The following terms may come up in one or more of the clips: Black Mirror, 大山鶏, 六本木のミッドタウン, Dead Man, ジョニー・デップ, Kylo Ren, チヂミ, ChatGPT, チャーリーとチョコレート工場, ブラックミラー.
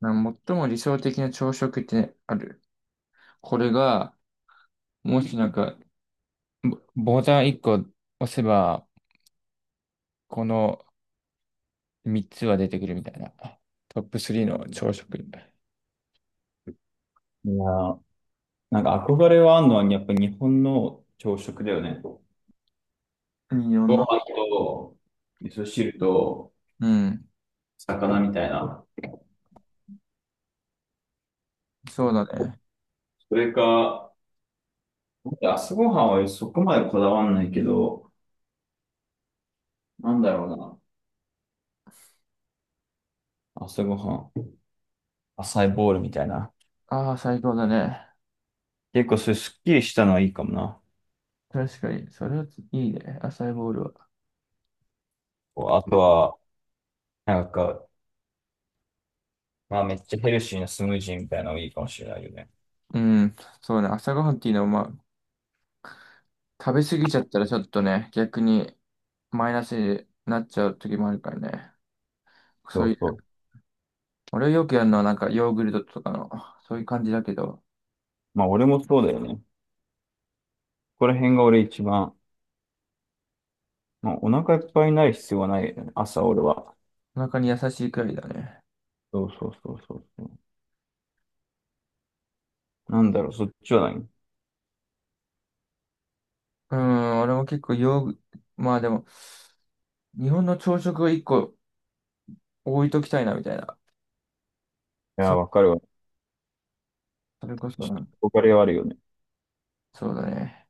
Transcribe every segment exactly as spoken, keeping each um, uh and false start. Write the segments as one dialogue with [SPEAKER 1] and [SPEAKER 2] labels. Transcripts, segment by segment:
[SPEAKER 1] な最も理想的な朝食ってある？これが、もしなんか、ボボタンいっこ押せば、このみっつは出てくるみたいな。トップスリーの朝食。い
[SPEAKER 2] いやー、なんか憧れはあるのは、やっぱ日本の朝食だよね。ご
[SPEAKER 1] いよ
[SPEAKER 2] 飯
[SPEAKER 1] な。
[SPEAKER 2] と、味噌汁と、
[SPEAKER 1] うん、
[SPEAKER 2] 魚みたいな。
[SPEAKER 1] そうだね。
[SPEAKER 2] それか、朝ごはんはそこまでこだわんないけど、なんだろうな。朝ごはん、浅いボールみたいな。
[SPEAKER 1] ああ、最高だね。
[SPEAKER 2] 結構それすっきりしたのはいいかもな。
[SPEAKER 1] 確かに、それはいいね、朝ボールは。
[SPEAKER 2] こうあとは、なんか、まあめっちゃヘルシーなスムージーみたいなのもいいかもしれないよね。
[SPEAKER 1] うん、そうね、朝ごはんっていうのは、まあ、食べ過ぎちゃったらちょっとね、逆にマイナスになっちゃう時もあるからね。
[SPEAKER 2] そ
[SPEAKER 1] そうい
[SPEAKER 2] うそ
[SPEAKER 1] う
[SPEAKER 2] う。
[SPEAKER 1] 俺はよくやるのはなんかヨーグルトとかの、そういう感じだけど、
[SPEAKER 2] まあ俺もそうだよね。ここら辺が俺一番、まあ、お腹いっぱいになる必要はないよね。朝俺は。
[SPEAKER 1] お腹に優しいくらいだね。
[SPEAKER 2] そうそうそうそうそう。なんだろう、そっちは何。い
[SPEAKER 1] うん、俺も結構ヨーグ、まあでも、日本の朝食を一個置いときたいなみたいな。
[SPEAKER 2] やー、
[SPEAKER 1] そ、
[SPEAKER 2] わかるわ。
[SPEAKER 1] それこそな、
[SPEAKER 2] 憧れはあるよね。
[SPEAKER 1] そうだね。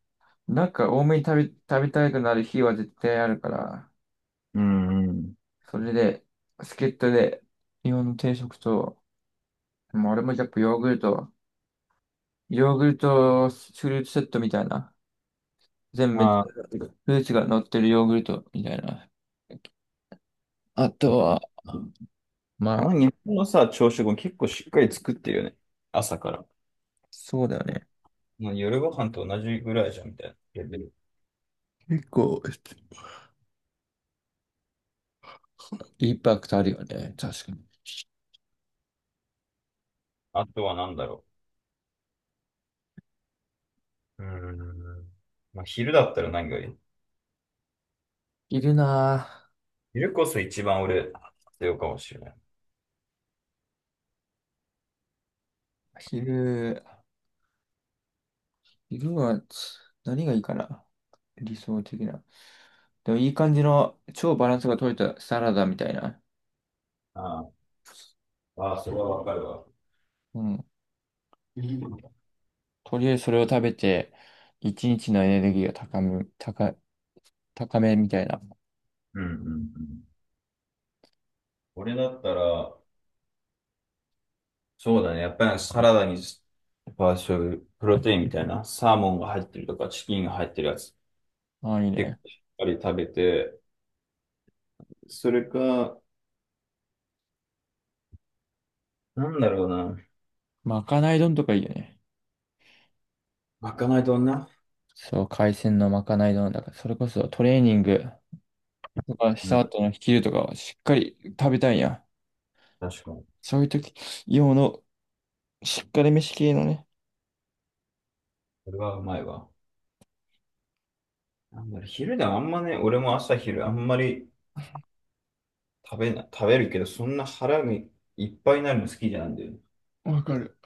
[SPEAKER 1] なんか多めに食べ、食べたくなる日は絶対あるから、
[SPEAKER 2] うんうん。
[SPEAKER 1] それで、助っ人で日本の定食と、もう俺もやっぱヨーグルト、ヨーグルトフルーツセットみたいな、全部めフ
[SPEAKER 2] あー、
[SPEAKER 1] ルーツが乗ってるヨーグルトみたいな。あとは、ま
[SPEAKER 2] あの
[SPEAKER 1] あ、
[SPEAKER 2] 日本のさ、朝食も結構しっかり作ってるよね。朝から。
[SPEAKER 1] そうだよね。
[SPEAKER 2] まあ夜ご飯と同じぐらいじゃん、みたいな。レベル、
[SPEAKER 1] 結構、インパクトあるよね。確かに。
[SPEAKER 2] あとは何だろう。うーん。まあ、昼だったら何がいい？
[SPEAKER 1] 昼な
[SPEAKER 2] 昼こそ一番俺、必要かもしれない。
[SPEAKER 1] ぁ、昼、昼はつ何がいいかな。理想的な。でもいい感じの超バランスが取れたサラダみたいな。
[SPEAKER 2] ああ、ああそれはわかるわ。
[SPEAKER 1] うん。
[SPEAKER 2] うん
[SPEAKER 1] とりあえずそれを食べて、一日のエネルギーが高め、高、高めみたいな。
[SPEAKER 2] うんうん。俺だったら、そうだね。やっぱりサラダに、パーショル、プロテインみたいな、サーモンが入ってるとか、チキンが入ってるやつ、
[SPEAKER 1] ああ、いい
[SPEAKER 2] 結
[SPEAKER 1] ね。
[SPEAKER 2] 構しっかり食べて、それか、なんだろうな。
[SPEAKER 1] まかない丼とかいいよね。
[SPEAKER 2] まかない丼な。
[SPEAKER 1] そう、海鮮のまかない丼だから、それこそトレーニング。だからし
[SPEAKER 2] う
[SPEAKER 1] た
[SPEAKER 2] ん、
[SPEAKER 1] 後の昼とかはしっかり食べたいんや。
[SPEAKER 2] 確かに。
[SPEAKER 1] そういう時用のしっかり飯系のね、
[SPEAKER 2] それはうまいわ。なんだろう、昼でもあんまね、俺も朝昼あんまり食べな、食べるけど、そんな腹がいっぱいになるの好きじゃないんだよね。
[SPEAKER 1] わかる。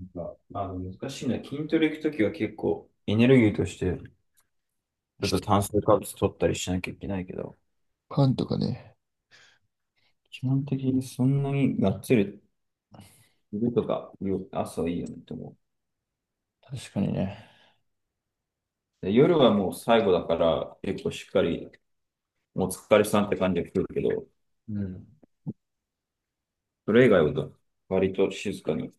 [SPEAKER 2] なんか、まあ、難しいな。筋トレ行くときは結構、エネルギーとして、ちょっと炭水化物取ったりしなきゃいけないけど、
[SPEAKER 1] パンとかね。
[SPEAKER 2] 基本的にそんなにがっつり昼とか夜朝いいよねと思う。
[SPEAKER 1] 確かにね。
[SPEAKER 2] で夜はもう最後だから結構しっかりお疲れさんって感じが来るけど、
[SPEAKER 1] うん。
[SPEAKER 2] それ以外は割と静かに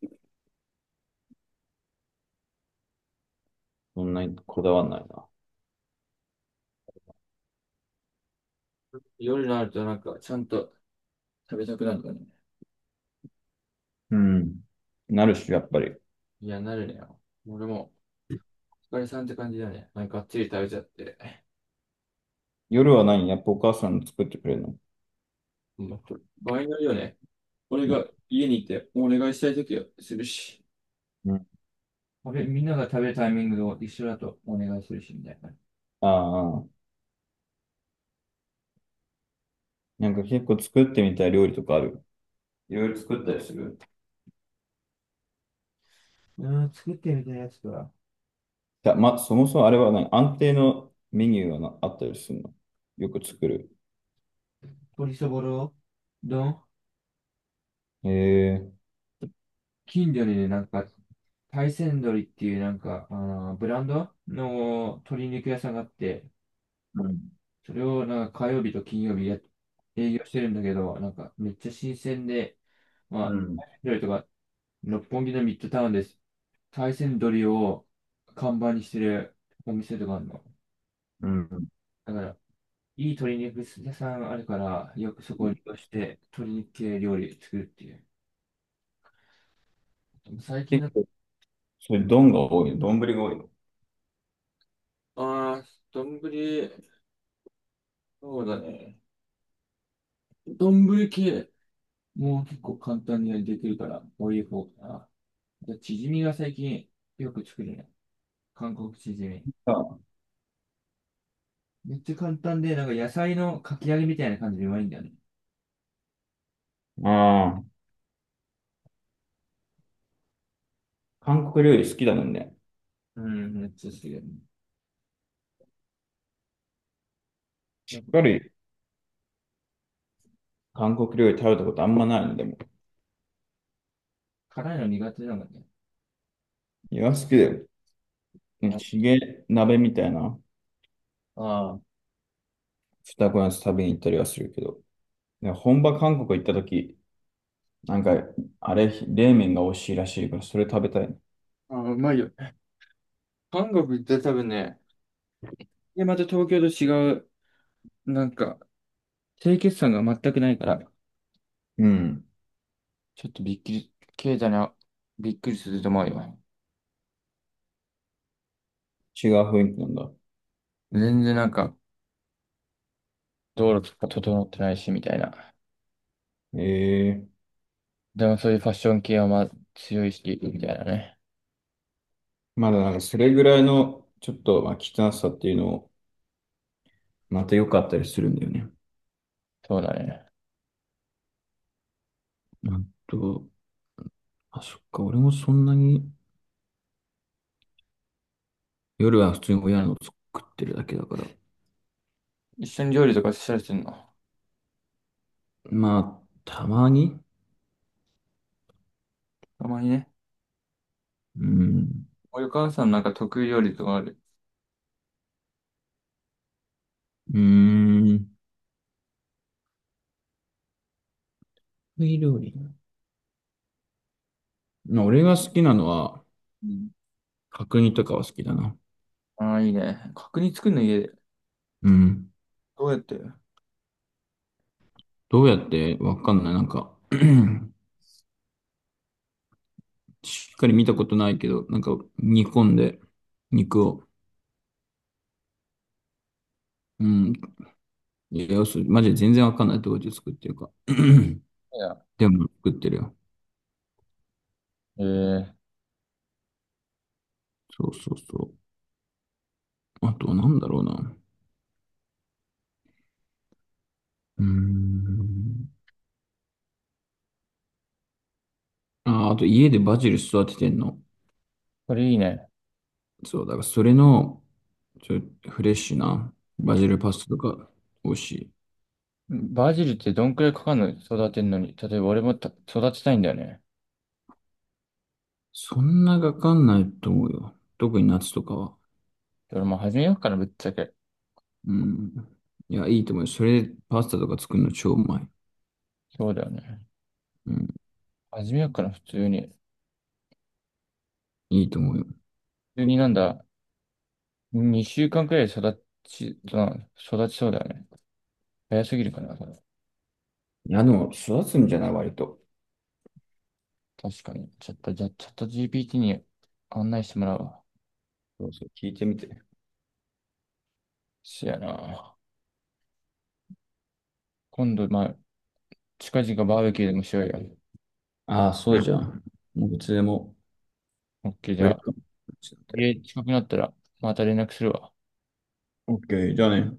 [SPEAKER 2] そんなにこだわんないな。
[SPEAKER 1] 夜になるとなんかちゃんと食べたくなるのね。
[SPEAKER 2] うん。なるし、やっぱり。
[SPEAKER 1] いや、なるねよ。俺も、お疲れさんって感じだね。なんかがっつり食べちゃって。
[SPEAKER 2] 夜は何やっぱお母さん作ってくれるの？
[SPEAKER 1] うん。場合によるよね。俺が家にいてお願いしたい時はするし。
[SPEAKER 2] うん。
[SPEAKER 1] 俺、みんなが食べるタイミングを一緒だとお願いするし、みたいな。
[SPEAKER 2] ああ、なんか結構作ってみたい料理とかある？いろいろ作ったりする？
[SPEAKER 1] うん、作ってみたいやつとか、
[SPEAKER 2] じゃあ、ま、そもそもあれは何、安定のメニューはなあったりするの？よく作る。
[SPEAKER 1] 鶏そぼろ丼。
[SPEAKER 2] へえ。
[SPEAKER 1] 近所にね、なんか、大山鶏っていうなんか、あのブランドの鶏肉屋さんがあって、それをなんか火曜日と金曜日や営業してるんだけど、なんかめっちゃ新鮮で、
[SPEAKER 2] う
[SPEAKER 1] ま
[SPEAKER 2] ん。
[SPEAKER 1] あ、料理とか、六本木のミッドタウンです。大山鶏を看板にしてるお店とかあるの。
[SPEAKER 2] うん。
[SPEAKER 1] だから、いい鶏肉屋さんあるから、よくそこを利用して鶏肉系料理作るっていう。最近
[SPEAKER 2] 結
[SPEAKER 1] の、
[SPEAKER 2] 構、そういう丼が多いの？丼が多いの？
[SPEAKER 1] ああ、丼、そうだね。丼系、もう結構簡単にできるから、こういう方かな。じゃあ、チヂミが最近よく作るね。韓国チヂミ。めっちゃ簡単で、なんか野菜のかき揚げみたいな感じでうまいんだよね。
[SPEAKER 2] ああー、韓国料理好きだもんね。
[SPEAKER 1] うん、めっちゃ好きだよね。な
[SPEAKER 2] し
[SPEAKER 1] ん
[SPEAKER 2] っ
[SPEAKER 1] か
[SPEAKER 2] かり韓国料理食べたことあんまないのでも。
[SPEAKER 1] 辛いの苦手なんだね。
[SPEAKER 2] いや、好きだよ。ね
[SPEAKER 1] あ
[SPEAKER 2] チゲ鍋みたいな
[SPEAKER 1] あー。
[SPEAKER 2] 二子のやつ食べに行ったりはするけど。いや本場韓国行った時、なんか、あれ、冷麺が美味しいらしいから、それ食べたい。
[SPEAKER 1] あー、うまいよ。韓国行ったら多分ね、で、また東京と違う、なんか、清潔感が全くないから、
[SPEAKER 2] うん。
[SPEAKER 1] ちょっとびっくり、経済な、びっくりすると思うよ。
[SPEAKER 2] 違う雰囲気なんだ。
[SPEAKER 1] 全然なんか、道路とか整ってないし、みたいな。
[SPEAKER 2] ええ、
[SPEAKER 1] でもそういうファッション系はまあ強い意識みたいなね。
[SPEAKER 2] まだなんかそれぐららいの、ちょっと、まあ、汚さっていうのを、また良かったりするんだよね。
[SPEAKER 1] そうだね。
[SPEAKER 2] あと、あ、そっか、俺もそんなに、夜は普通に親の作ってるだけだから。
[SPEAKER 1] 一緒に料理とかしたりするの？
[SPEAKER 2] まあ、たまに。
[SPEAKER 1] たまにね。
[SPEAKER 2] うん。
[SPEAKER 1] おお母さんなんか得意料理とかある？
[SPEAKER 2] うーん。得意料理。まあ、俺が好きなのは、
[SPEAKER 1] うん。
[SPEAKER 2] 角煮とかは好きだな。
[SPEAKER 1] ああ、いいね。角煮作るの家で？
[SPEAKER 2] うん。
[SPEAKER 1] どうやって。い
[SPEAKER 2] どうやってわかんない。なんか しっかり見たことないけど、なんか煮込んで、肉を。うん。いや、そうマジで全然わかんないところで作ってるか。
[SPEAKER 1] や。
[SPEAKER 2] でも作ってるよ。
[SPEAKER 1] ええ。
[SPEAKER 2] そうそうそう。あと、なんだろうな。うーん。あー、あと家でバジル育ててんの。
[SPEAKER 1] これいいね。
[SPEAKER 2] そう、だからそれの、ちょ、フレッシュなバジルパスタとか美味しい。
[SPEAKER 1] バジルってどんくらいかかるの育てんのに？例えば俺もた育てたいんだよね。
[SPEAKER 2] そんなかかんないと思うよ。特に夏とかは。
[SPEAKER 1] 俺も始めようかな、ぶっちゃけ。
[SPEAKER 2] うん。いや、いいと思うよ。それでパスタとか作るの超うまい。
[SPEAKER 1] そうだよね。
[SPEAKER 2] うん。
[SPEAKER 1] 始めようかな、普通に。
[SPEAKER 2] いいと思うよ。
[SPEAKER 1] 普通になんだ、にしゅうかんくらいで育ち、な育ちそうだよね。早すぎるかな、それ？
[SPEAKER 2] いや、でも育つんじゃない割と。
[SPEAKER 1] 確かに。ちょっと、じゃあ、チャット ジーピーティー に案内してもらうわ。
[SPEAKER 2] そうそう、聞いてみて。
[SPEAKER 1] そやな。今度、まあ、近々バーベキューでもしようよ。
[SPEAKER 2] ああ、そうじゃん。もういつでも
[SPEAKER 1] オッケー、じ
[SPEAKER 2] ウェ
[SPEAKER 1] ゃ
[SPEAKER 2] ル
[SPEAKER 1] あ、
[SPEAKER 2] カム。
[SPEAKER 1] 家近くなったら、また連絡するわ。
[SPEAKER 2] オッケー、じゃあね。